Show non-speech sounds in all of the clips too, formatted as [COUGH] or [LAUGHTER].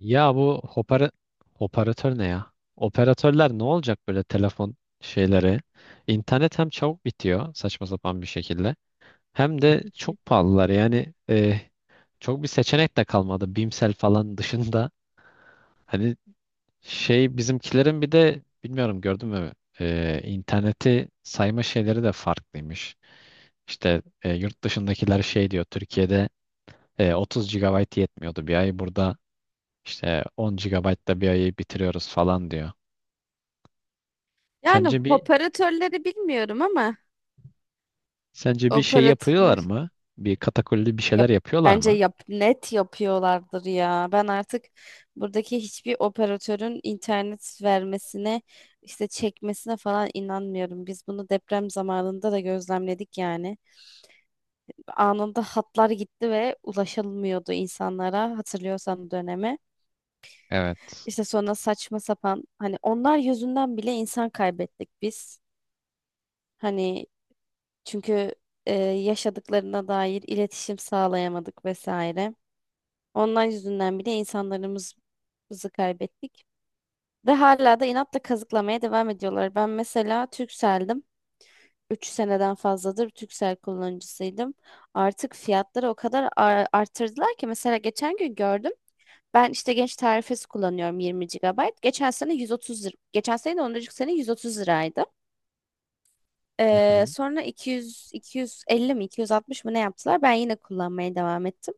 Ya bu operatör ne ya? Operatörler ne olacak böyle telefon şeyleri? İnternet hem çabuk bitiyor saçma sapan bir şekilde hem de çok pahalılar. Yani çok bir seçenek de kalmadı. Bimsel falan dışında. Hani şey bizimkilerin bir de bilmiyorum gördün mü? İnterneti sayma şeyleri de farklıymış. İşte yurt dışındakiler şey diyor Türkiye'de 30 gigabayt yetmiyordu bir ay burada işte 10 GB da bir ayı bitiriyoruz falan diyor. Yani, Sence bir operatörleri bilmiyorum ama sence bir şey yapıyorlar operatörler mı? Bir katakulli bir şeyler yap, yapıyorlar bence mı? yap, net yapıyorlardır ya. Ben artık buradaki hiçbir operatörün internet vermesine işte çekmesine falan inanmıyorum. Biz bunu deprem zamanında da gözlemledik yani. Anında hatlar gitti ve ulaşılmıyordu insanlara, hatırlıyorsan döneme. Evet. İşte sonra saçma sapan hani onlar yüzünden bile insan kaybettik biz. Hani. Çünkü yaşadıklarına dair iletişim sağlayamadık vesaire. Ondan yüzünden bile insanlarımızı kaybettik. Ve hala da inatla kazıklamaya devam ediyorlar. Ben mesela Turkcell'dim. Üç seneden fazladır Turkcell kullanıcısıydım. Artık fiyatları o kadar arttırdılar ki mesela geçen gün gördüm. Ben işte genç tarifesi kullanıyorum, 20 gigabayt. Geçen sene 130 lira. Geçen sene de ondan önceki sene 130 liraydı. Hı hı. Sonra 200, 250 mi 260 mı ne yaptılar? Ben yine kullanmaya devam ettim.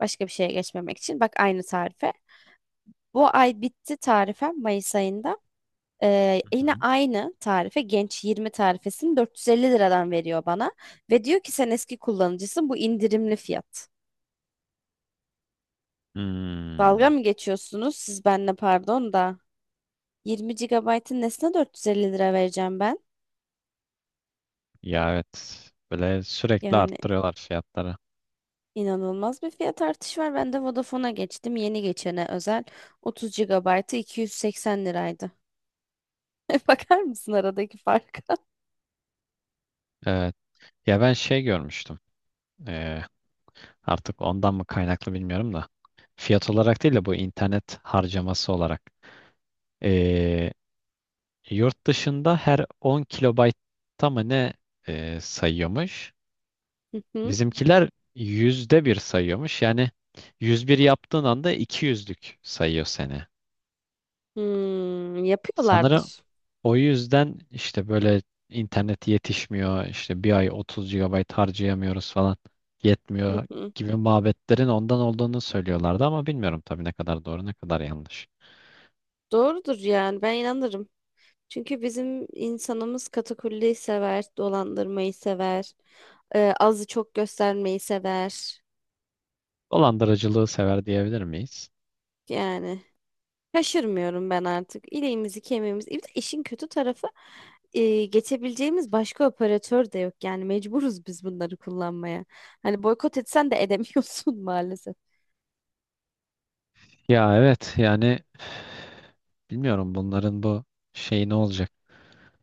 Başka bir şeye geçmemek için. Bak, aynı tarife. Bu ay bitti tarifem, Mayıs ayında. Hı Yine hı. aynı tarife Genç 20 tarifesini 450 liradan veriyor bana. Ve diyor ki sen eski kullanıcısın, bu indirimli fiyat. Dalga Hmm. mı geçiyorsunuz siz benimle, pardon da. 20 gigabaytın nesine 450 lira vereceğim ben? Ya, evet. Böyle sürekli Yani, arttırıyorlar fiyatları. İnanılmaz bir fiyat artışı var. Ben de Vodafone'a geçtim. Yeni geçene özel 30 GB'ı 280 liraydı. [LAUGHS] Bakar mısın aradaki farka? Evet. Ya ben şey görmüştüm. Ee, Artık ondan mı kaynaklı bilmiyorum da. Fiyat olarak değil de bu internet harcaması olarak. Ee, Yurt dışında her 10 kilobaytta mı ne sayıyormuş? Hı hı. Bizimkiler %1 sayıyormuş. Yani 101 yaptığın anda 200'lük sayıyor seni. Hmm, Sanırım yapıyorlardır. o yüzden işte böyle internet yetişmiyor, işte bir ay 30 gigabayt harcayamıyoruz falan Hı yetmiyor hı. gibi muhabbetlerin ondan olduğunu söylüyorlardı ama bilmiyorum tabii ne kadar doğru ne kadar yanlış. Doğrudur yani, ben inanırım. Çünkü bizim insanımız katakulliyi sever, dolandırmayı sever, azı çok göstermeyi sever. Dolandırıcılığı sever diyebilir miyiz? Yani, şaşırmıyorum ben artık. İleğimizi kemiğimizi. Bir de işin kötü tarafı, geçebileceğimiz başka operatör de yok. Yani mecburuz biz bunları kullanmaya. Hani boykot etsen de edemiyorsun [LAUGHS] maalesef. Ya evet yani bilmiyorum bunların bu şey ne olacak?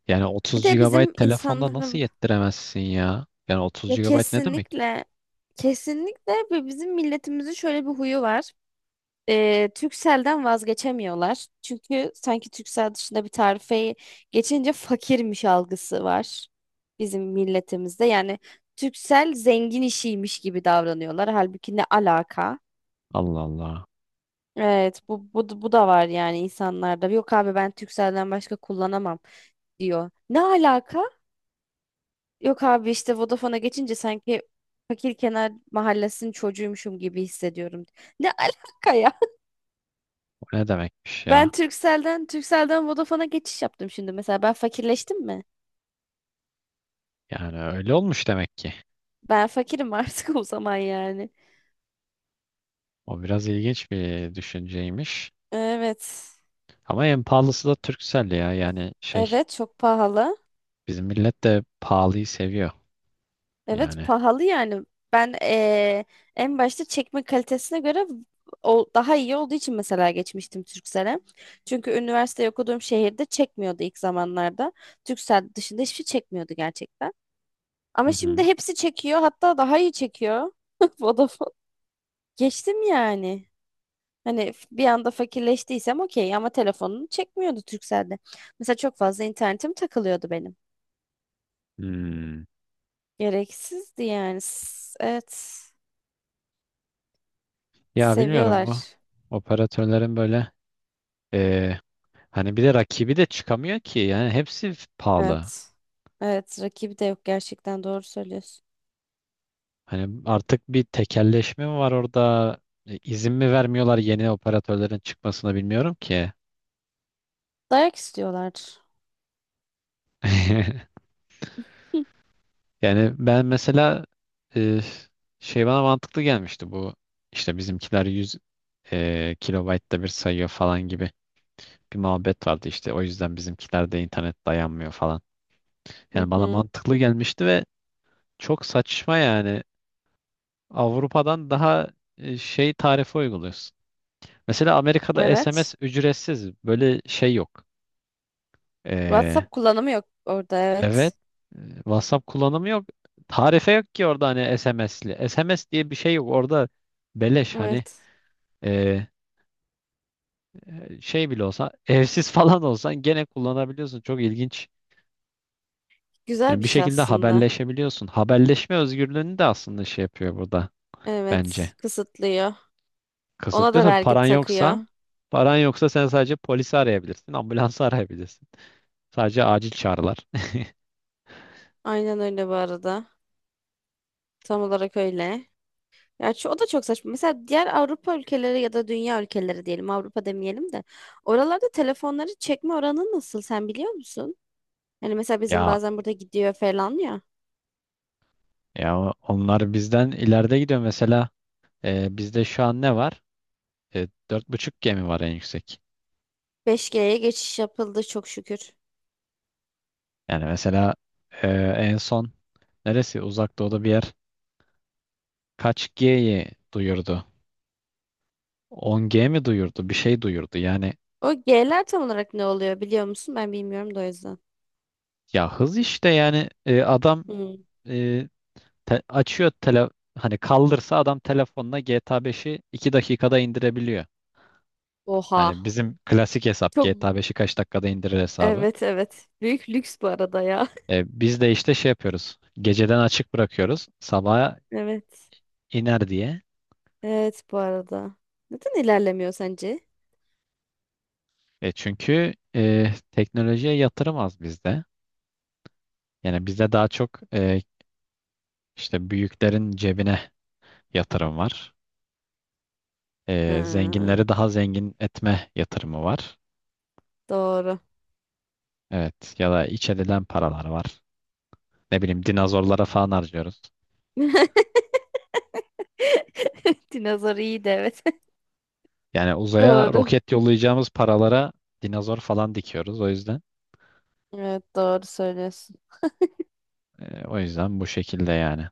Yani Bir 30 de bizim gigabayt telefonda nasıl insanların, yettiremezsin ya? Yani 30 ya, gigabayt ne demek? kesinlikle kesinlikle ve bizim milletimizin şöyle bir huyu var. Turkcell'den vazgeçemiyorlar. Çünkü sanki Turkcell dışında bir tarifeyi geçince fakirmiş algısı var bizim milletimizde. Yani, Turkcell zengin işiymiş gibi davranıyorlar. Halbuki ne alaka? Allah Allah. Evet, bu da var yani insanlarda. Yok abi, ben Turkcell'den başka kullanamam diyor. Ne alaka? Yok abi, işte Vodafone'a geçince sanki fakir kenar mahallesinin çocuğuymuşum gibi hissediyorum. Ne alaka? O ne demekmiş Ben ya? Turkcell'den Vodafone'a geçiş yaptım şimdi mesela. Ben fakirleştim mi? Yani öyle olmuş demek ki. Ben fakirim artık [LAUGHS] o zaman yani. O biraz ilginç bir düşünceymiş. Evet. Ama en pahalısı da Turkcell ya. Yani şey Evet, çok pahalı. bizim millet de pahalıyı seviyor. Evet, Yani. pahalı yani. Ben en başta çekme kalitesine göre o daha iyi olduğu için mesela geçmiştim Turkcell'e. Çünkü üniversite okuduğum şehirde çekmiyordu ilk zamanlarda. Turkcell dışında hiçbir şey çekmiyordu gerçekten. Hı Ama hı. şimdi hepsi çekiyor. Hatta daha iyi çekiyor. [LAUGHS] Vodafone. Geçtim yani. Hani, bir anda fakirleştiysem okey ama telefonunu çekmiyordu Turkcell'de. Mesela çok fazla internetim takılıyordu benim. Hmm. Gereksizdi yani. Evet. Ya bilmiyorum bu Seviyorlar. operatörlerin böyle eee, hani bir de rakibi de çıkamıyor ki. Yani hepsi pahalı. Evet. Evet. Rakibi de yok, gerçekten doğru söylüyorsun. Hani artık bir tekelleşme mi var orada? İzin mi vermiyorlar yeni operatörlerin çıkmasına bilmiyorum ki. Dayak istiyorlar. [LAUGHS] Hı Yani ben mesela e, şey bana mantıklı gelmişti bu işte bizimkiler 100 kilobaytta bir sayıyor falan gibi bir muhabbet vardı işte o yüzden bizimkilerde internet dayanmıyor falan. hı. Yani bana Hı. mantıklı gelmişti ve çok saçma yani Avrupa'dan daha şey tarife uyguluyorsun. Mesela Amerika'da Evet. SMS ücretsiz. Böyle şey yok. Ee, WhatsApp kullanımı yok orada, evet. evet. WhatsApp kullanımı yok. Tarife yok ki orada hani SMS'li. SMS diye bir şey yok. Orada beleş hani Evet. e, şey bile olsa [LAUGHS] evsiz falan olsan gene kullanabiliyorsun. Çok ilginç. Güzel Yani bir bir şey şekilde aslında. haberleşebiliyorsun. Haberleşme özgürlüğünü de aslında şey yapıyor burada bence. Evet. Kısıtlıyor. Ona Kısıtlıyor da tabii vergi paran takıyor. yoksa paran yoksa sen sadece polisi arayabilirsin, ambulansı [LAUGHS] arayabilirsin. Sadece acil çağrılar. Aynen öyle bu arada. Tam olarak öyle. Ya şu, o da çok saçma. Mesela diğer Avrupa ülkeleri ya da dünya ülkeleri diyelim, Avrupa demeyelim de. Oralarda telefonları çekme oranı nasıl, sen biliyor musun? Hani mesela bizim Ya bazen burada gidiyor falan ya. Onlar bizden ileride gidiyor. Mesela bizde şu an ne var? 4.5G mi var en yüksek. 5G'ye geçiş yapıldı çok şükür. Yani mesela e, en son neresi? Uzak doğuda bir yer kaç G'yi duyurdu? 10G mi duyurdu? Bir şey duyurdu. Yani O G'ler tam olarak ne oluyor, biliyor musun? Ben bilmiyorum da, o yüzden. ya hız işte yani adam Hmm. e, te- açıyor tele hani kaldırsa adam telefonla GTA beşi 2 dakikada indirebiliyor. Oha. Hani bizim klasik hesap Çok. GTA beşi kaç dakikada indirir hesabı. Evet, evet. Büyük lüks bu arada ya. [LAUGHS] Biz de işte şey yapıyoruz. Geceden açık bırakıyoruz. Sabaha Evet. iner diye. Evet, bu arada. Neden ilerlemiyor sence? Çünkü teknolojiye yatırım az bizde. Yani bizde daha çok işte büyüklerin cebine yatırım var. Ha, Zenginleri daha zengin etme yatırımı var. doğru. Evet. Ya da iç edilen paralar var. Ne bileyim dinozorlara falan harcıyoruz. [LAUGHS] Dinozor iyi de, evet. Yani uzaya Doğru. roket yollayacağımız paralara dinozor falan dikiyoruz. Evet, doğru söylüyorsun. O yüzden bu şekilde yani.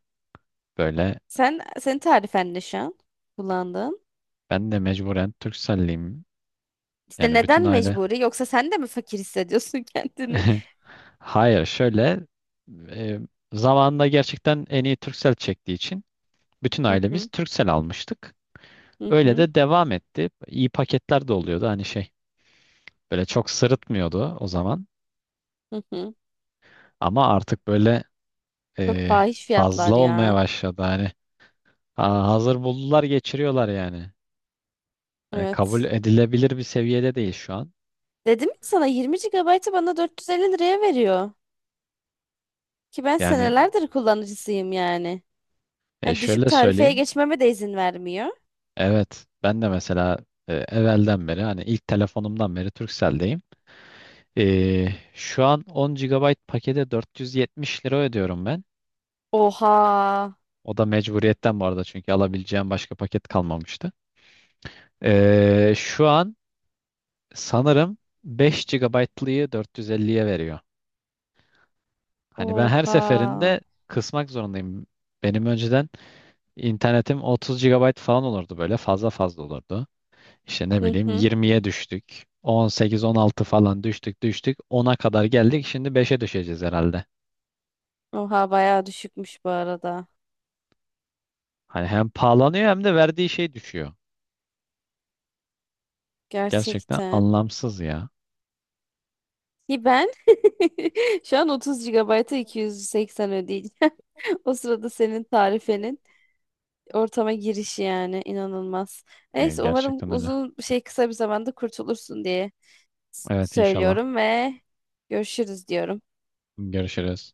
Böyle Sen, senin tarifen ne şu an kullandığın? ben de mecburen Turkcelliyim. İşte Yani bütün neden aile. mecburi? Yoksa sen de mi fakir hissediyorsun [LAUGHS] kendini? [LAUGHS] Hayır, şöyle e, zamanında gerçekten en iyi Turkcell çektiği için bütün Hı hı, ailemiz Turkcell almıştık. hı Öyle hı, de devam etti. İyi paketler de oluyordu hani şey. Böyle çok sırıtmıyordu o zaman. hı hı. Ama artık böyle Çok e, fahiş fazla fiyatlar olmaya ya. başladı hani. Ha, hazır buldular geçiriyorlar yani. Hani kabul Evet. edilebilir bir seviyede değil şu an. Dedim ya sana, 20 gigabaytı bana 450 liraya veriyor. Ki ben Yani senelerdir kullanıcısıyım yani. Hani düşük şöyle tarifeye söyleyeyim. geçmeme de izin vermiyor. Evet ben de mesela evvelden beri hani ilk telefonumdan beri Turkcell'deyim. Ee, Şu an 10 gigabayt pakete 470 lira ödüyorum ben. Oha. O da mecburiyetten bu arada çünkü alabileceğim başka paket kalmamıştı. Şu an sanırım 5 GB'lıyı 450'ye veriyor. Hani ben her Oha. seferinde kısmak zorundayım. Benim önceden internetim 30 gigabayt falan olurdu böyle fazla fazla olurdu. İşte ne Hı bileyim hı. 20'ye düştük. 18-16 falan düştük düştük. 10'a kadar geldik. Şimdi 5'e düşeceğiz herhalde. Oha, bayağı düşükmüş bu arada. Hani hem pahalanıyor hem de verdiği şey düşüyor. Gerçekten Gerçekten. anlamsız ya. Ki ben [LAUGHS] şu an 30 GB'a 280 ödeyeceğim. [LAUGHS] O sırada senin tarifenin ortama girişi yani, inanılmaz. Neyse, umarım Gerçekten öyle. uzun bir şey kısa bir zamanda kurtulursun diye Evet inşallah. söylüyorum ve görüşürüz diyorum. Görüşürüz.